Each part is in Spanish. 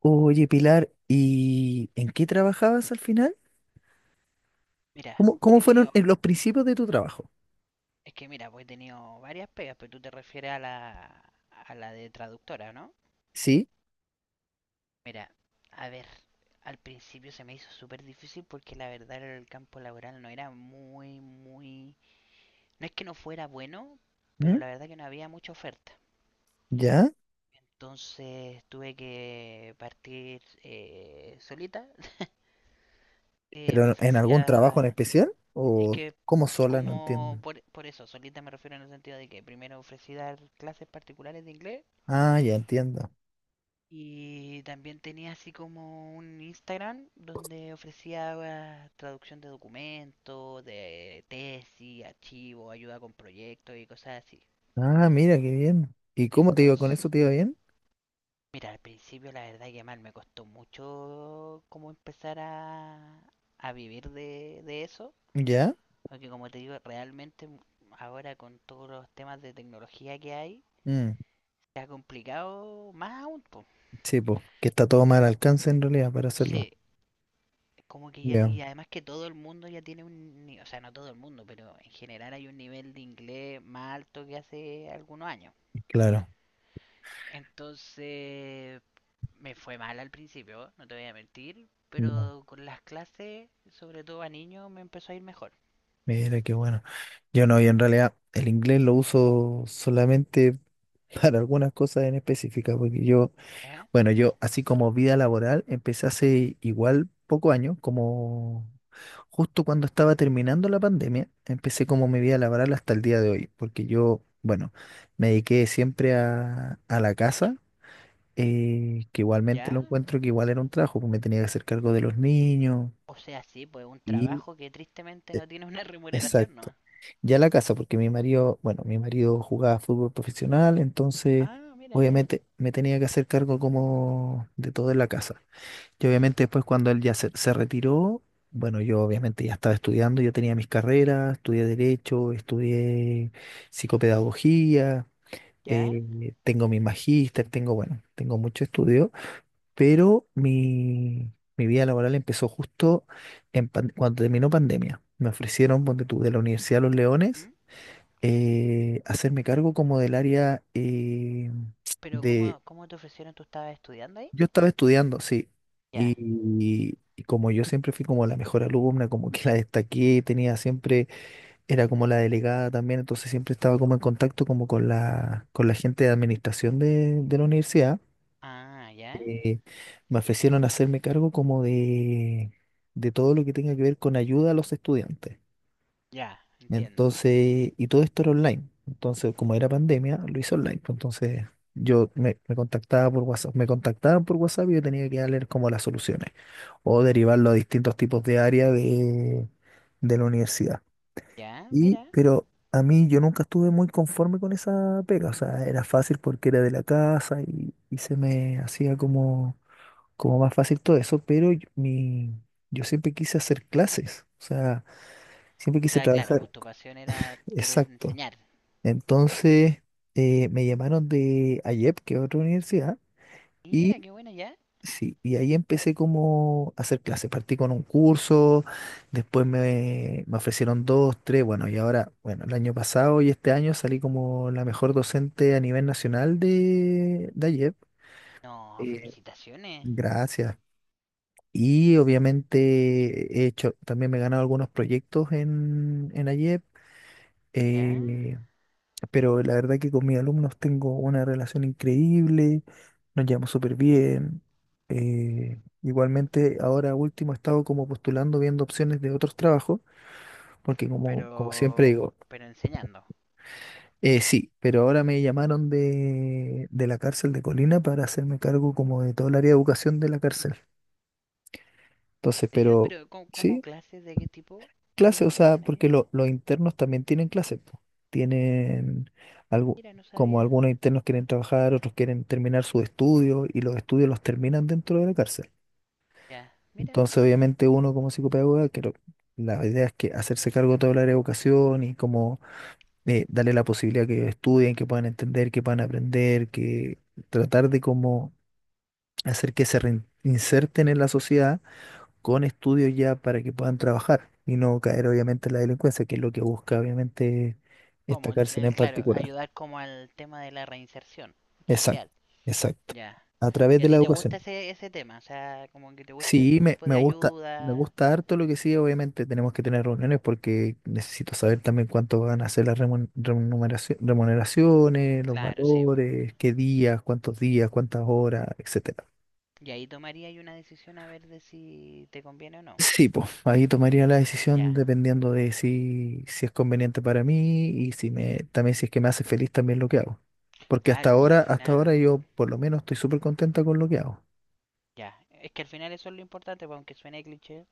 Oye, Pilar, ¿y en qué trabajabas al final? Mira, ¿Cómo, cómo he fueron tenido, en los principios de tu trabajo? es que mira, pues he tenido varias pegas, pero tú te refieres a la de traductora, ¿no? ¿Sí? Mira, a ver, al principio se me hizo súper difícil porque la verdad el campo laboral no era muy... No es que no fuera bueno, pero ¿Mm? la verdad que no había mucha oferta. ¿Ya? Entonces tuve que partir solita. Me ¿Pero en algún trabajo en ofrecía... especial? Es ¿O que cómo sola? No como entiendo. por, por eso, solita me refiero en el sentido de que primero ofrecí dar clases particulares de inglés. Ah, ya entiendo. Y también tenía así como un Instagram donde ofrecía traducción de documentos, de tesis, archivos, ayuda con proyectos y cosas así. Ah, mira, qué bien. ¿Y cómo te iba con Entonces, eso? ¿Te iba bien? mira, al principio la verdad que mal, me costó mucho como empezar a vivir de eso. ¿Ya? Porque como te digo, ahora con todos los temas de tecnología que hay, Mm, se ha complicado más aún, po. sí, pues, que está todo mal alcance en realidad para hacerlo. Sí, como que ya, Ya, y además que todo el mundo ya tiene un, ni- o sea, no todo el mundo, pero en general hay un nivel de inglés más alto que hace algunos años. claro. Entonces, me fue mal al principio, no te voy a mentir, Ya, pero con las clases, sobre todo a niños, me empezó a ir mejor. mira, qué bueno. Yo no, y en realidad el inglés lo uso solamente para algunas cosas en específica, porque yo... ¿Eh? Bueno, yo así como vida laboral empecé hace igual poco año, como justo cuando estaba terminando la pandemia, empecé como mi vida ¿Mm? laboral hasta el día de hoy, porque yo, bueno, me dediqué siempre a la casa, que igualmente ¿Ya? lo encuentro que igual era un trabajo, porque me tenía que hacer cargo de los niños O sea, sí, pues un y... trabajo que tristemente eh, no tiene una remuneración, Exacto. ¿no? Ya la casa, porque mi marido, bueno, mi marido jugaba fútbol profesional, entonces Ah, mira, ya. obviamente me tenía que hacer cargo como de todo en la casa. Y obviamente después cuando él ya se retiró, bueno, yo obviamente ya estaba estudiando, yo tenía mis carreras, estudié Derecho, estudié Psicopedagogía, ¿Ya? Tengo mi magíster, tengo, bueno, tengo mucho estudio, pero mi vida laboral empezó justo en cuando terminó pandemia. Me ofrecieron, ponte tú, de la Universidad de Los Leones, ¿Mm? Hacerme cargo como del área Pero ¿cómo, cómo te ofrecieron? ¿Tú estabas estudiando ahí? Yo estaba estudiando, sí. Ya. Y como yo siempre fui como la mejor alumna, como que la destaqué, tenía siempre, era como la delegada también, entonces siempre estaba como en contacto como con la gente de administración de la universidad. Ah, ya. Eh, me ofrecieron hacerme cargo como de todo lo que tenga que ver con ayuda a los estudiantes. Ya, entiendo. Entonces, y todo esto era online. Entonces, como era pandemia, lo hice online, pues. Entonces, yo me, me contactaba por WhatsApp. Me contactaban por WhatsApp y yo tenía que darle como las soluciones o derivarlo a distintos tipos de área de la universidad. Ya, Y, mira. pero a mí yo nunca estuve muy conforme con esa pega. O sea, era fácil porque era de la casa y se me hacía como, como más fácil todo eso. Pero mi, yo siempre quise hacer clases. O sea, siempre O quise sea, claro, trabajar. pues tu pasión era querer Exacto. enseñar. Entonces me llamaron de AIEP, que es otra universidad, Mira, y qué buena, ya. sí, y ahí empecé como a hacer clases. Partí con un curso, después me, me ofrecieron dos, tres, bueno, y ahora, bueno, el año pasado y este año salí como la mejor docente a nivel nacional de AIEP. No, Eh, felicitaciones. gracias. Y obviamente he hecho, también me he ganado algunos proyectos en AIEP, Ya, pero la verdad que con mis alumnos tengo una relación increíble, nos llevamos súper bien. Igualmente, ahora último he estado como postulando, viendo opciones de otros trabajos, porque como, como siempre pero digo, pero enseñando. Sí, pero ahora me llamaron de la cárcel de Colina para hacerme cargo como de todo el área de educación de la cárcel. Entonces, ¿En serio? pero ¿Pero cómo, cómo sí, clases de qué tipo? clase, o ¿Qué, qué sea, hacen porque ahí? Los internos también tienen clases, po. Tienen algo, Mira, no como sabía. algunos internos quieren trabajar, otros quieren terminar sus estudios y los estudios los terminan dentro de la cárcel. Ya, mira. Entonces, obviamente, uno como psicopedagoga, creo, la idea es que hacerse cargo de toda la área de educación y como darle la posibilidad que estudien, que puedan entender, que puedan aprender, que tratar de como hacer que se reinserten en la sociedad con estudios ya para que puedan trabajar y no caer obviamente en la delincuencia, que es lo que busca obviamente Como, esta cárcel en claro, particular. ayudar como al tema de la reinserción Exacto, social. exacto. Ya. A través ¿Y a de la ti te gusta educación. ese, ese tema? O sea, como que te gusta Sí, ese me, tipo de me ayuda. gusta harto lo que sí, obviamente tenemos que tener reuniones porque necesito saber también cuánto van a ser las remuneraciones, los Claro, sí, po. valores, qué días, cuántos días, cuántas horas, etc. Y ahí tomaría yo una decisión a ver de si te conviene o no. Sí, pues ahí tomaría la decisión Ya, dependiendo de si, si es conveniente para mí y si me, también si es que me hace feliz también lo que hago. Porque claro, pues si al hasta ahora final, yo por lo menos estoy súper contenta con lo que hago. ya, es que al final eso es lo importante, pues, aunque suene cliché,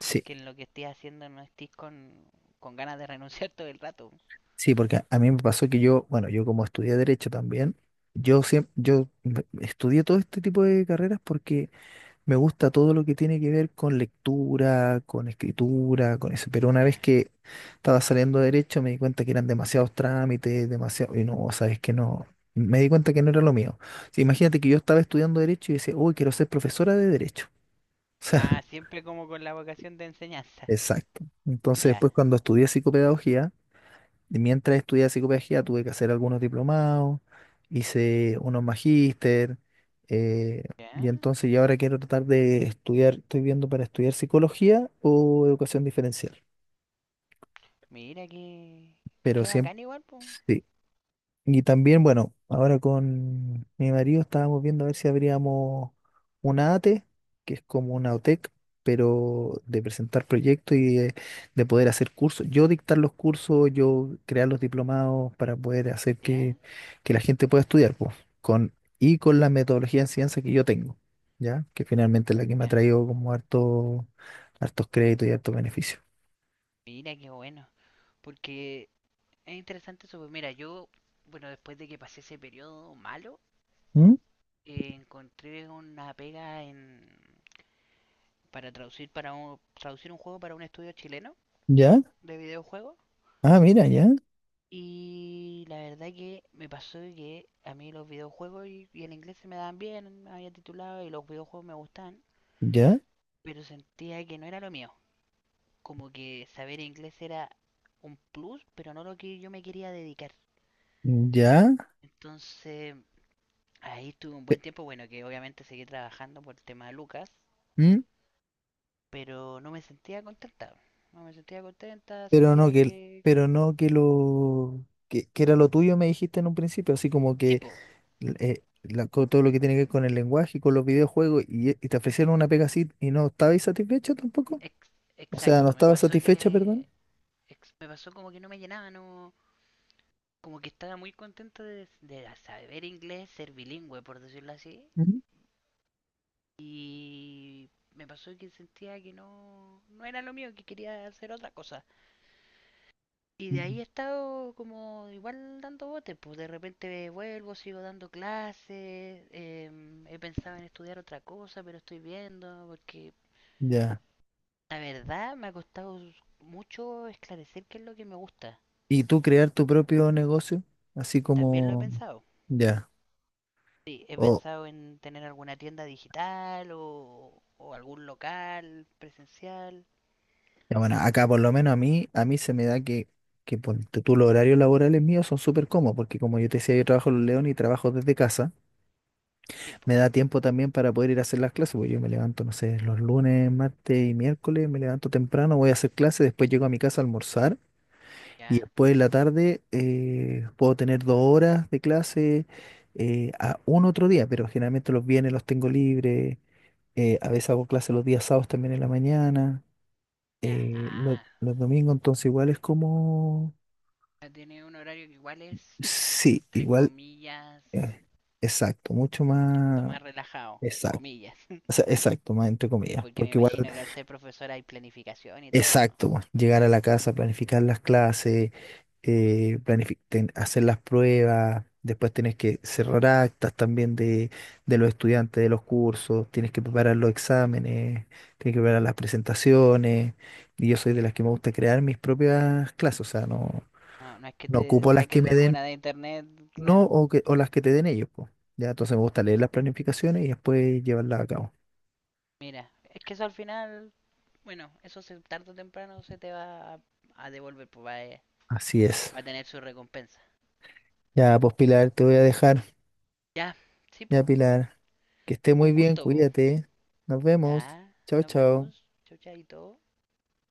Sí, que en lo que estés haciendo no estés con ganas de renunciar todo el rato. sí, porque a mí me pasó que yo, bueno, yo como estudié derecho también, yo siempre, estudié todo este tipo de carreras porque me gusta todo lo que tiene que ver con lectura, con escritura, con eso. Pero una vez Ya. que estaba saliendo de derecho me di cuenta que eran demasiados trámites, demasiado... Y no, sabes que no. Me di cuenta que no era lo mío. Sí, imagínate que yo estaba estudiando derecho y decía, uy, quiero ser profesora de derecho. O Ah, sea, siempre como con la vocación de enseñanza. exacto. Entonces Ya. después cuando estudié psicopedagogía, y mientras estudiaba psicopedagogía tuve que hacer algunos diplomados, hice unos magíster, eh, y Ya. entonces yo ahora quiero tratar de estudiar, estoy viendo para estudiar psicología o educación diferencial, Mira que... pero Qué siempre, bacán igual, pues. sí. Y también, bueno, ahora con mi marido estábamos viendo a ver si abríamos una ATE, que es como una OTEC, pero de presentar proyectos y de poder hacer cursos. Yo dictar los cursos, yo crear los diplomados para poder hacer Ya. Que la gente pueda estudiar, pues, con, y con la metodología de ciencia que yo tengo, ¿ya? Que finalmente es la que me ha Ya. traído como harto, hartos créditos y hartos beneficios. Mira, qué bueno. Porque es interesante eso, pues. Mira, yo, bueno, después de que pasé ese periodo malo, ¿Mm? Encontré una pega en... para traducir para un... traducir un juego para un estudio chileno ¿Ya? de videojuegos. Ah, mira, ya, Y la verdad que me pasó que a mí los videojuegos y el inglés se me daban bien, me había titulado y los videojuegos me gustaban, ya, pero sentía que no era lo mío. Como que saber inglés era un plus, pero no lo que yo me quería dedicar. ya. Entonces ahí estuve un buen tiempo, bueno, que obviamente seguí trabajando por el tema de Lucas, ¿Mm? pero no me sentía contenta. No me sentía contenta, Pero no sentía que, que... que... pero no que lo que era lo tuyo me dijiste en un principio, así como Sí, que po, con todo lo que tiene que ver con el lenguaje y con los videojuegos y te ofrecieron una pega así y no estabas satisfecha tampoco. O sea, no exacto, estabas satisfecha, perdón. Me pasó como que no me llenaba, no como que estaba muy contento de saber inglés, ser bilingüe, por decirlo así. Ujú. Y me pasó que sentía que no, no era lo mío, que quería hacer otra cosa. Y de Ujú. ahí he estado como igual dando botes, pues de repente vuelvo, sigo dando clases, he pensado en estudiar otra cosa, pero estoy viendo, porque Ya. la verdad me ha costado mucho esclarecer qué es lo que me gusta. ¿Y tú crear tu propio negocio, así También lo he como pensado. ya? Sí, he O pensado en tener alguna tienda digital o algún local presencial. ya bueno, acá por lo menos a mí se me da que ponte tú los horarios laborales míos son súper cómodos, porque como yo te decía, yo trabajo en León y trabajo desde casa. Tipo, Me da tiempo también para poder ir a hacer las clases, porque yo me levanto, no sé, los lunes, martes y miércoles, me levanto temprano, voy a hacer clases, después llego a mi casa a almorzar y ¿ya? después en la tarde puedo tener dos horas de clase a un otro día, pero generalmente los viernes los tengo libres, a veces hago clases los días sábados también en la mañana, Ya, ah, los domingos entonces igual es como... ya tiene un horario que igual es, Sí, entre igual, comillas, eh, exacto, mucho un poquito más... más relajado, Exacto. comillas. O sea, exacto, más entre Sí, comillas, porque me porque igual imagino que al ser profesora hay planificación y todo eso. exacto, pues, llegar a la casa, planificar las clases, hacer las pruebas, después tienes que cerrar actas también de los estudiantes de los cursos, tienes que preparar los exámenes, tienes que preparar las presentaciones, y yo soy de Sí. las que me gusta crear mis propias clases, o sea, no, No, no es que no te ocupo las que saques de me den, alguna de internet, no, claro. o, que, o las que te den ellos, pues, ya, entonces me gusta leer las planificaciones y después llevarlas a cabo. Mira, es que eso al final, bueno, eso se, tarde o temprano se te va a devolver, pues va a- Así es. va a tener su recompensa. Ya, pues Pilar, te voy a dejar, Ya, sí, ya po. Pilar. Que esté Un muy bien, gusto, po. cuídate. Nos vemos. Ya, Chao, nos chao. vemos. Chau, chaito.